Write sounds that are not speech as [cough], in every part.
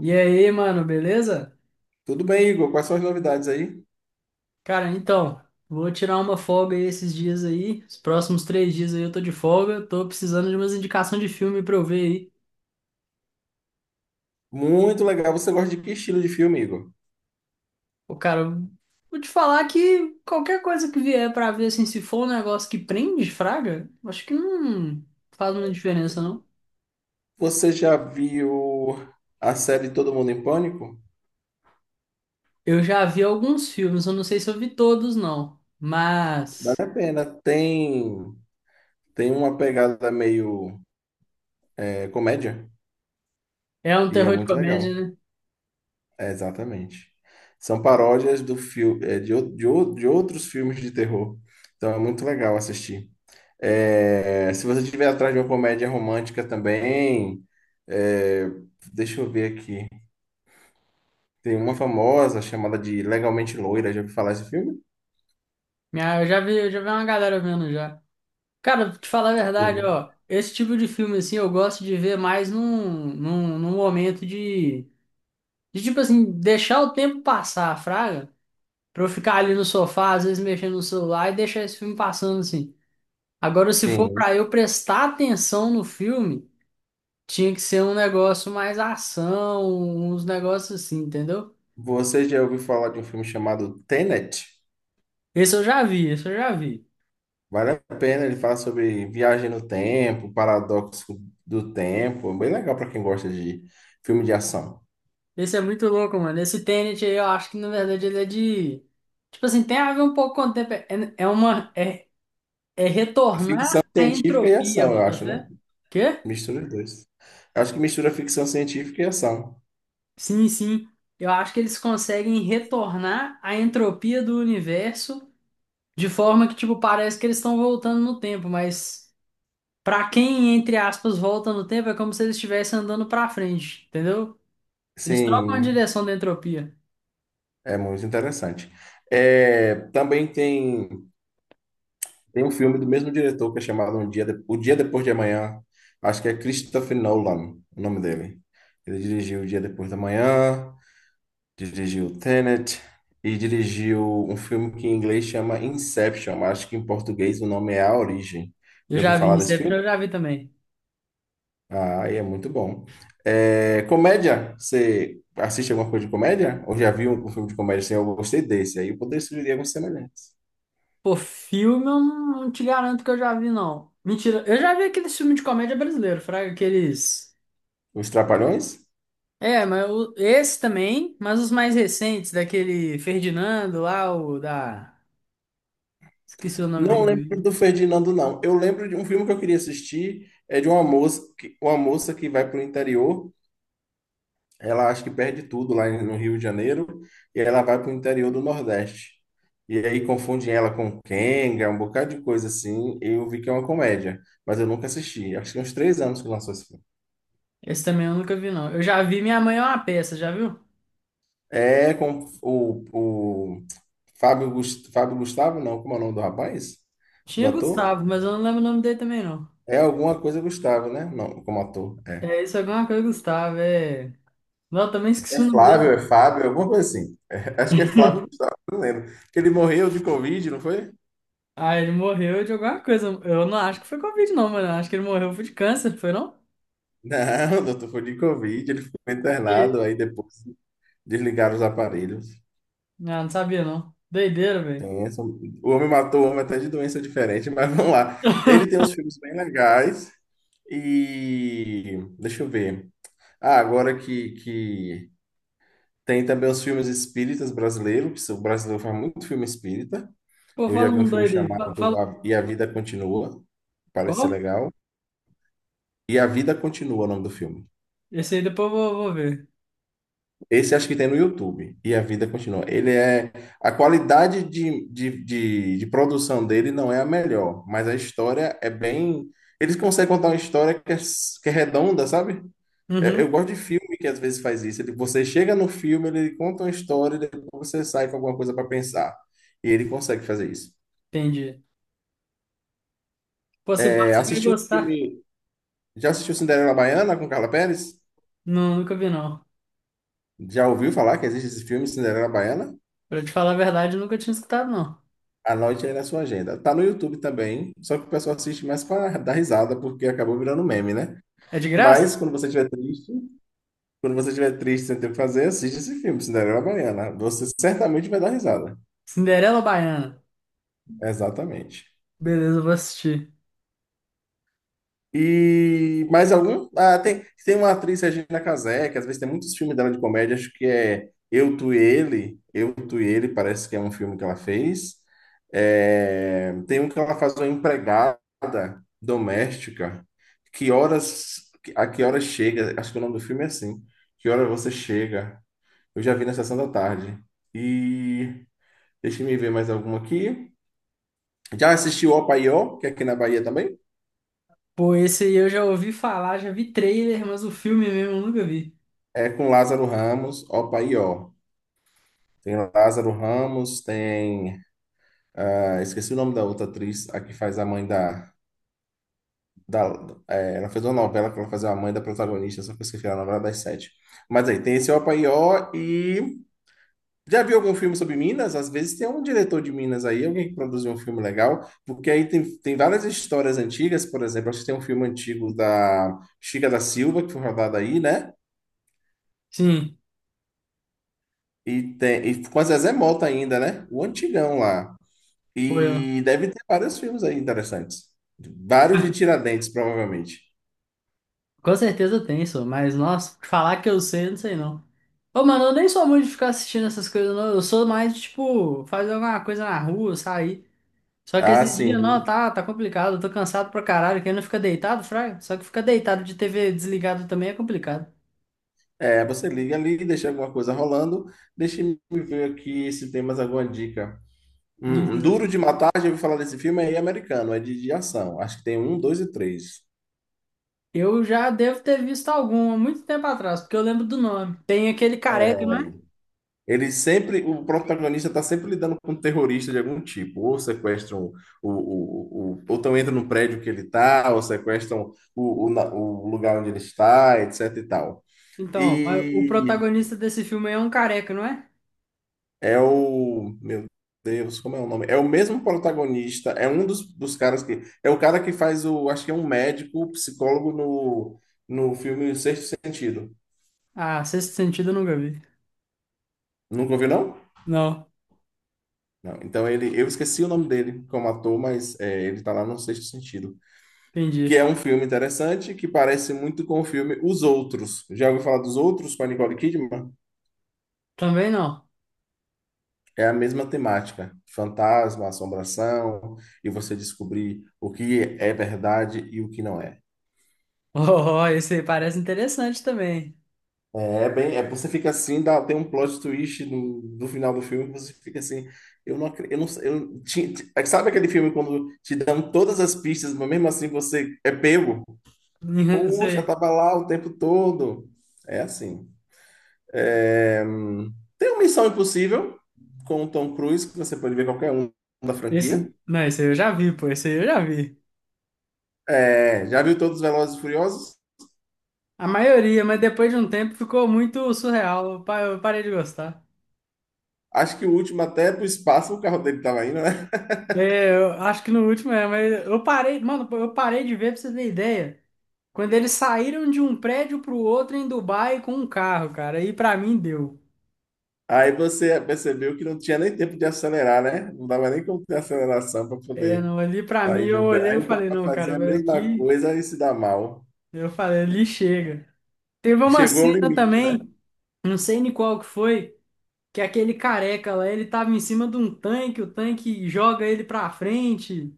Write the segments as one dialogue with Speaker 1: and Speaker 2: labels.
Speaker 1: E aí, mano, beleza?
Speaker 2: Tudo bem, Igor? Quais são as novidades aí?
Speaker 1: Cara, então, vou tirar uma folga aí esses dias aí. Os próximos três dias aí eu tô de folga. Tô precisando de umas indicações de filme pra eu ver aí.
Speaker 2: Muito legal. Você gosta de que estilo de filme, Igor?
Speaker 1: Ô, cara, eu vou te falar que qualquer coisa que vier pra ver, assim, se for um negócio que prende, fraga, acho que não faz muita diferença, não.
Speaker 2: Você já viu a série Todo Mundo em Pânico?
Speaker 1: Eu já vi alguns filmes, eu não sei se eu vi todos, não.
Speaker 2: Vale
Speaker 1: Mas
Speaker 2: a pena. Tem uma pegada meio comédia
Speaker 1: é um
Speaker 2: e é
Speaker 1: terror de
Speaker 2: muito legal.
Speaker 1: comédia, né?
Speaker 2: É, exatamente. São paródias do fil, é de, o- de, o- de outros filmes de terror. Então é muito legal assistir. É, se você estiver atrás de uma comédia romântica também, é, deixa eu ver aqui. Tem uma famosa chamada de Legalmente Loira. Já ouviu falar desse filme?
Speaker 1: Eu já vi uma galera vendo já. Cara, pra te falar a verdade,
Speaker 2: Sim.
Speaker 1: ó, esse tipo de filme, assim, eu gosto de ver mais num momento de, tipo assim, deixar o tempo passar, fraga, pra eu ficar ali no sofá, às vezes mexendo no celular e deixar esse filme passando, assim. Agora, se for
Speaker 2: Sim.
Speaker 1: pra eu prestar atenção no filme, tinha que ser um negócio mais ação, uns negócios assim, entendeu?
Speaker 2: Você já ouviu falar de um filme chamado Tenet?
Speaker 1: Esse eu já vi, esse eu já vi.
Speaker 2: Vale a pena. Ele fala sobre viagem no tempo, paradoxo do tempo. É bem legal para quem gosta de filme de ação.
Speaker 1: Esse é muito louco, mano. Esse Tenet aí, eu acho que, na verdade, ele é de... Tipo assim, tem a ver um pouco com o tempo. É, é uma. É
Speaker 2: Ficção
Speaker 1: retornar a
Speaker 2: científica e
Speaker 1: entropia,
Speaker 2: ação, eu acho, né?
Speaker 1: Botafé. Quê?
Speaker 2: Mistura os dois. Eu acho que mistura ficção científica e ação.
Speaker 1: Sim, sim. Eu acho que eles conseguem retornar a entropia do universo de forma que, tipo, parece que eles estão voltando no tempo, mas pra quem, entre aspas, volta no tempo, é como se eles estivessem andando pra frente, entendeu? Eles trocam a
Speaker 2: Sim,
Speaker 1: direção da entropia.
Speaker 2: é muito interessante. É, também tem um filme do mesmo diretor que é chamado O Dia Depois de Amanhã. Acho que é Christopher Nolan, o nome dele. Ele dirigiu O Dia Depois da Manhã, dirigiu Tenet e dirigiu um filme que em inglês chama Inception, mas acho que em português o nome é A Origem.
Speaker 1: Eu
Speaker 2: Já ouviu
Speaker 1: já vi
Speaker 2: falar desse
Speaker 1: Inception,
Speaker 2: filme?
Speaker 1: eu já vi também.
Speaker 2: Ah, e é muito bom. É, comédia, você assiste alguma coisa de comédia? Ou já viu um filme de comédia assim? Eu gostei desse, aí eu poderia sugerir alguns semelhantes.
Speaker 1: Pô, filme eu não te garanto que eu já vi, não. Mentira, eu já vi aqueles filmes de comédia brasileiro, fraga, aqueles.
Speaker 2: Os Trapalhões?
Speaker 1: É, mas esse também, mas os mais recentes, daquele Ferdinando lá, o da. Esqueci o nome
Speaker 2: Não
Speaker 1: daquele
Speaker 2: lembro
Speaker 1: amigo.
Speaker 2: do Ferdinando, não. Eu lembro de um filme que eu queria assistir, é de uma moça que vai para o interior, ela acha que perde tudo lá no Rio de Janeiro, e ela vai para o interior do Nordeste. E aí confundem ela com Kenga, um bocado de coisa assim. E eu vi que é uma comédia, mas eu nunca assisti. Acho que tem uns três anos que lançou esse filme.
Speaker 1: Esse também eu nunca vi, não. Eu já vi Minha Mãe é uma Peça, já viu?
Speaker 2: É com o Fábio Gustavo, não, como é o nome do rapaz? Do
Speaker 1: Tinha
Speaker 2: ator?
Speaker 1: Gustavo, mas eu não lembro o nome dele também, não.
Speaker 2: É alguma coisa Gustavo, né? Não, como ator. É.
Speaker 1: É, isso é alguma coisa, Gustavo, é. Não, eu também
Speaker 2: É
Speaker 1: esqueci o nome
Speaker 2: Flávio, é
Speaker 1: dele.
Speaker 2: Fábio, alguma coisa assim. É, acho que é Flávio, não lembro. Que ele morreu de Covid, não foi?
Speaker 1: Ah, ele morreu de alguma coisa. Eu não acho que foi Covid, não, mano. Eu acho que ele morreu foi de câncer, foi não?
Speaker 2: Não, [laughs] doutor, foi de Covid. Ele ficou
Speaker 1: E
Speaker 2: internado,
Speaker 1: aí?
Speaker 2: aí depois desligaram os aparelhos.
Speaker 1: Não, não sabia, não. Doideira, velho.
Speaker 2: O homem matou o homem até de doença diferente, [laughs] mas vamos lá. Ele tem uns filmes bem legais. E deixa eu ver. Ah, agora que tem também os filmes espíritas brasileiros, que o brasileiro faz muito filme espírita.
Speaker 1: Pô,
Speaker 2: Eu já
Speaker 1: fala
Speaker 2: vi um
Speaker 1: um
Speaker 2: filme
Speaker 1: doido aí.
Speaker 2: chamado
Speaker 1: Fala.
Speaker 2: E a Vida Continua, parece ser
Speaker 1: Qual?
Speaker 2: legal. E a Vida Continua, o nome do filme.
Speaker 1: Esse aí depois eu vou ver.
Speaker 2: Esse acho que tem no YouTube. E a Vida Continua. Ele é. A qualidade de produção dele não é a melhor, mas a história é bem. Eles conseguem contar uma história que é redonda, sabe? É, eu
Speaker 1: Uhum,
Speaker 2: gosto de filme que às vezes faz isso. Ele, você chega no filme, ele conta uma história, e depois você sai com alguma coisa para pensar. E ele consegue fazer isso.
Speaker 1: entendi. Pô, se
Speaker 2: É,
Speaker 1: passa, você vai
Speaker 2: assistiu o
Speaker 1: gostar.
Speaker 2: filme. Já assistiu Cinderela Baiana com Carla Pérez?
Speaker 1: Não, nunca vi, não.
Speaker 2: Já ouviu falar que existe esse filme, Cinderela Baiana?
Speaker 1: Pra te falar a verdade, eu nunca tinha escutado, não.
Speaker 2: Anote aí na sua agenda. Tá no YouTube também, só que o pessoal assiste mais para dar risada, porque acabou virando meme, né?
Speaker 1: É de graça?
Speaker 2: Mas quando você estiver triste, sem ter o que fazer, assiste esse filme, Cinderela Baiana. Você certamente vai dar risada.
Speaker 1: Cinderela Baiana.
Speaker 2: Exatamente.
Speaker 1: Beleza, eu vou assistir.
Speaker 2: E mais algum? Ah, tem uma atriz, Regina Casé, que às vezes tem muitos filmes dela de comédia, acho que é Eu, Tu e Ele. Eu, Tu e Ele parece que é um filme que ela fez. É, tem um que ela faz uma empregada doméstica. A que horas chega? Acho que o nome do filme é assim. Que hora você chega? Eu já vi na sessão da tarde. E deixa eu ver mais alguma aqui. Já assisti o Opaió, que é aqui na Bahia também?
Speaker 1: Pô, esse aí eu já ouvi falar, já vi trailer, mas o filme mesmo eu nunca vi.
Speaker 2: É com Lázaro Ramos, Opaió. Tem Lázaro Ramos, tem. Ah, esqueci o nome da outra atriz, a que faz a mãe da. É, ela fez uma novela que ela fazia a mãe da protagonista, só que eu esqueci a novela das sete. Mas aí, tem esse Opaió e. Já viu algum filme sobre Minas? Às vezes tem um diretor de Minas aí, alguém que produziu um filme legal, porque aí tem várias histórias antigas, por exemplo, acho que tem um filme antigo da Chica da Silva, que foi rodado aí, né?
Speaker 1: Sim,
Speaker 2: E, tem, e com a Zezé Mota ainda, né? O antigão lá.
Speaker 1: foi eu.
Speaker 2: E deve ter vários filmes aí interessantes. Vários de Tiradentes, provavelmente.
Speaker 1: Com certeza tem, só, mas nossa, falar que eu sei, eu não sei não. Ô, mano, eu nem sou muito de ficar assistindo essas coisas, não. Eu sou mais de, tipo, fazer alguma coisa na rua, sair. Só que
Speaker 2: Ah,
Speaker 1: esse dia, não,
Speaker 2: sim.
Speaker 1: tá, tá complicado. Eu tô cansado pra caralho. Quem não fica deitado, fraga? Só que ficar deitado de TV desligado também é complicado.
Speaker 2: É, você liga ali, deixa alguma coisa rolando. Deixa eu ver aqui se tem mais alguma dica.
Speaker 1: Isso.
Speaker 2: Duro de Matar, já ouvi falar desse filme, é americano, é de ação. Acho que tem um, dois e três.
Speaker 1: Eu já devo ter visto algum há muito tempo atrás, porque eu lembro do nome. Tem aquele careca, não
Speaker 2: É,
Speaker 1: é?
Speaker 2: ele sempre, o protagonista está sempre lidando com um terrorista de algum tipo. Ou sequestram, o, ou então entra no prédio que ele está, ou sequestram o lugar onde ele está, etc e tal.
Speaker 1: Então, mas o
Speaker 2: E
Speaker 1: protagonista desse filme aí é um careca, não é?
Speaker 2: é o. Meu Deus, como é o nome? É o mesmo protagonista, é um dos caras que. É o cara que faz o. Acho que é um médico, psicólogo no filme Sexto Sentido.
Speaker 1: Ah, Sexto Sentido eu nunca vi.
Speaker 2: Nunca ouviu, não?
Speaker 1: Não,
Speaker 2: Não. Então ele. Eu esqueci o nome dele como ator, mas é, ele tá lá no Sexto Sentido. Que é
Speaker 1: entendi.
Speaker 2: um filme interessante que parece muito com o filme Os Outros. Já ouviu falar dos Outros com a Nicole Kidman?
Speaker 1: Também não. [laughs]
Speaker 2: É a mesma temática, fantasma, assombração, e você descobrir o que é verdade e o que não é.
Speaker 1: Oh, esse aí parece interessante também.
Speaker 2: É bem, é, você fica assim, dá, tem um plot twist no final do filme, você fica assim, eu não acredito, eu não, sei, eu, ti- ti- é que sabe aquele filme quando te dão todas as pistas, mas mesmo assim você é pego?
Speaker 1: [laughs] Esse
Speaker 2: Poxa,
Speaker 1: aí.
Speaker 2: tava lá o tempo todo. É assim. É, tem uma Missão Impossível com o Tom Cruise, que você pode ver qualquer um da franquia.
Speaker 1: Esse, não, esse aí eu já vi, pô. Esse aí eu já vi.
Speaker 2: É, já viu todos os Velozes e Furiosos?
Speaker 1: A maioria, mas depois de um tempo ficou muito surreal. Eu parei de gostar.
Speaker 2: Acho que o último até é pro espaço o carro dele tava indo, né?
Speaker 1: É, eu acho que no último é, mas eu parei, mano, eu parei de ver pra você ter ideia. Quando eles saíram de um prédio pro outro em Dubai com um carro, cara, aí pra mim deu.
Speaker 2: Aí você percebeu que não tinha nem tempo de acelerar, né? Não dava nem como ter aceleração para
Speaker 1: É,
Speaker 2: poder
Speaker 1: não, ali pra mim
Speaker 2: sair de
Speaker 1: eu
Speaker 2: um prédio.
Speaker 1: olhei
Speaker 2: Aí
Speaker 1: e
Speaker 2: o povo
Speaker 1: falei,
Speaker 2: vai
Speaker 1: não,
Speaker 2: fazer a
Speaker 1: cara,
Speaker 2: mesma
Speaker 1: aqui,
Speaker 2: coisa e se dá mal.
Speaker 1: eu falei, ali chega. Teve uma
Speaker 2: Chegou ao
Speaker 1: cena
Speaker 2: limite, né?
Speaker 1: também, não sei nem qual que foi, que aquele careca lá, ele tava em cima de um tanque, o tanque joga ele pra frente.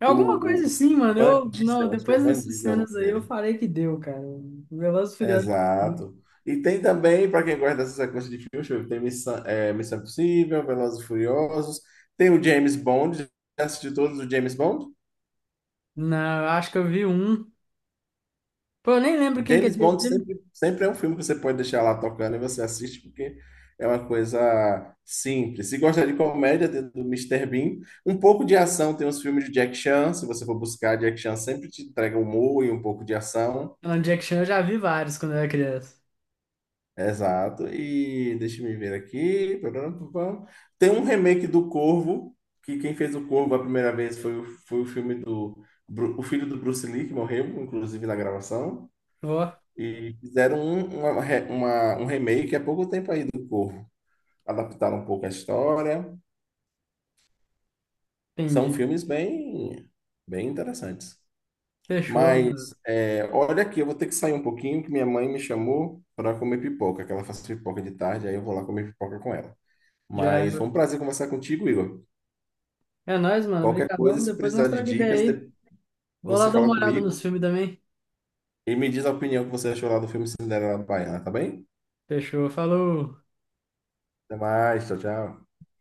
Speaker 1: É
Speaker 2: O,
Speaker 1: alguma coisa
Speaker 2: o
Speaker 1: assim, mano.
Speaker 2: Van
Speaker 1: Eu, não,
Speaker 2: Diesel, acho que é
Speaker 1: depois
Speaker 2: Van
Speaker 1: dessas
Speaker 2: Diesel o nome
Speaker 1: cenas aí eu
Speaker 2: dele.
Speaker 1: falei que deu, cara. O Velozes e Furiosos.
Speaker 2: Exato. E tem também, para quem gosta dessa sequência de filmes, deixa eu ver, tem Missão Impossível, Velozes e Furiosos, tem o James Bond. Já assistiu todos os James Bond?
Speaker 1: Não, eu acho que eu vi um. Pô, eu nem lembro quem que é
Speaker 2: James
Speaker 1: Jack
Speaker 2: Bond
Speaker 1: Chan.
Speaker 2: sempre, sempre é um filme que você pode deixar lá tocando e você assiste, porque é uma coisa simples. Se gosta de comédia, tem do Mister Bean. Um pouco de ação, tem os filmes de Jack Chan. Se você for buscar, Jack Chan sempre te entrega um humor e um pouco de ação.
Speaker 1: Não, Jack Chan eu já vi vários quando eu era criança.
Speaker 2: Exato. E deixa eu me ver aqui. Tem um remake do Corvo, que quem fez o Corvo a primeira vez foi, foi o filme do o filho do Bruce Lee, que morreu, inclusive, na gravação.
Speaker 1: Ó,
Speaker 2: E fizeram um remake há pouco tempo aí do Corvo. Adaptaram um pouco a história. São
Speaker 1: entendi.
Speaker 2: filmes bem interessantes.
Speaker 1: Fechou, mano.
Speaker 2: Mas, é, olha aqui, eu vou ter que sair um pouquinho, que minha mãe me chamou para comer pipoca, que ela faz pipoca de tarde, aí eu vou lá comer pipoca com ela.
Speaker 1: Já é
Speaker 2: Mas foi um prazer conversar contigo, Igor.
Speaker 1: É nóis, mano.
Speaker 2: Qualquer coisa,
Speaker 1: Obrigadão.
Speaker 2: se
Speaker 1: Depois nós
Speaker 2: precisar de
Speaker 1: troca ideia
Speaker 2: dicas,
Speaker 1: aí.
Speaker 2: de-
Speaker 1: Vou lá
Speaker 2: você
Speaker 1: dar
Speaker 2: fala
Speaker 1: uma olhada
Speaker 2: comigo
Speaker 1: nos filmes também.
Speaker 2: e me diz a opinião que você achou lá do filme Cinderela Baiana, tá bem?
Speaker 1: Fechou, falou.
Speaker 2: Até mais, tchau, tchau.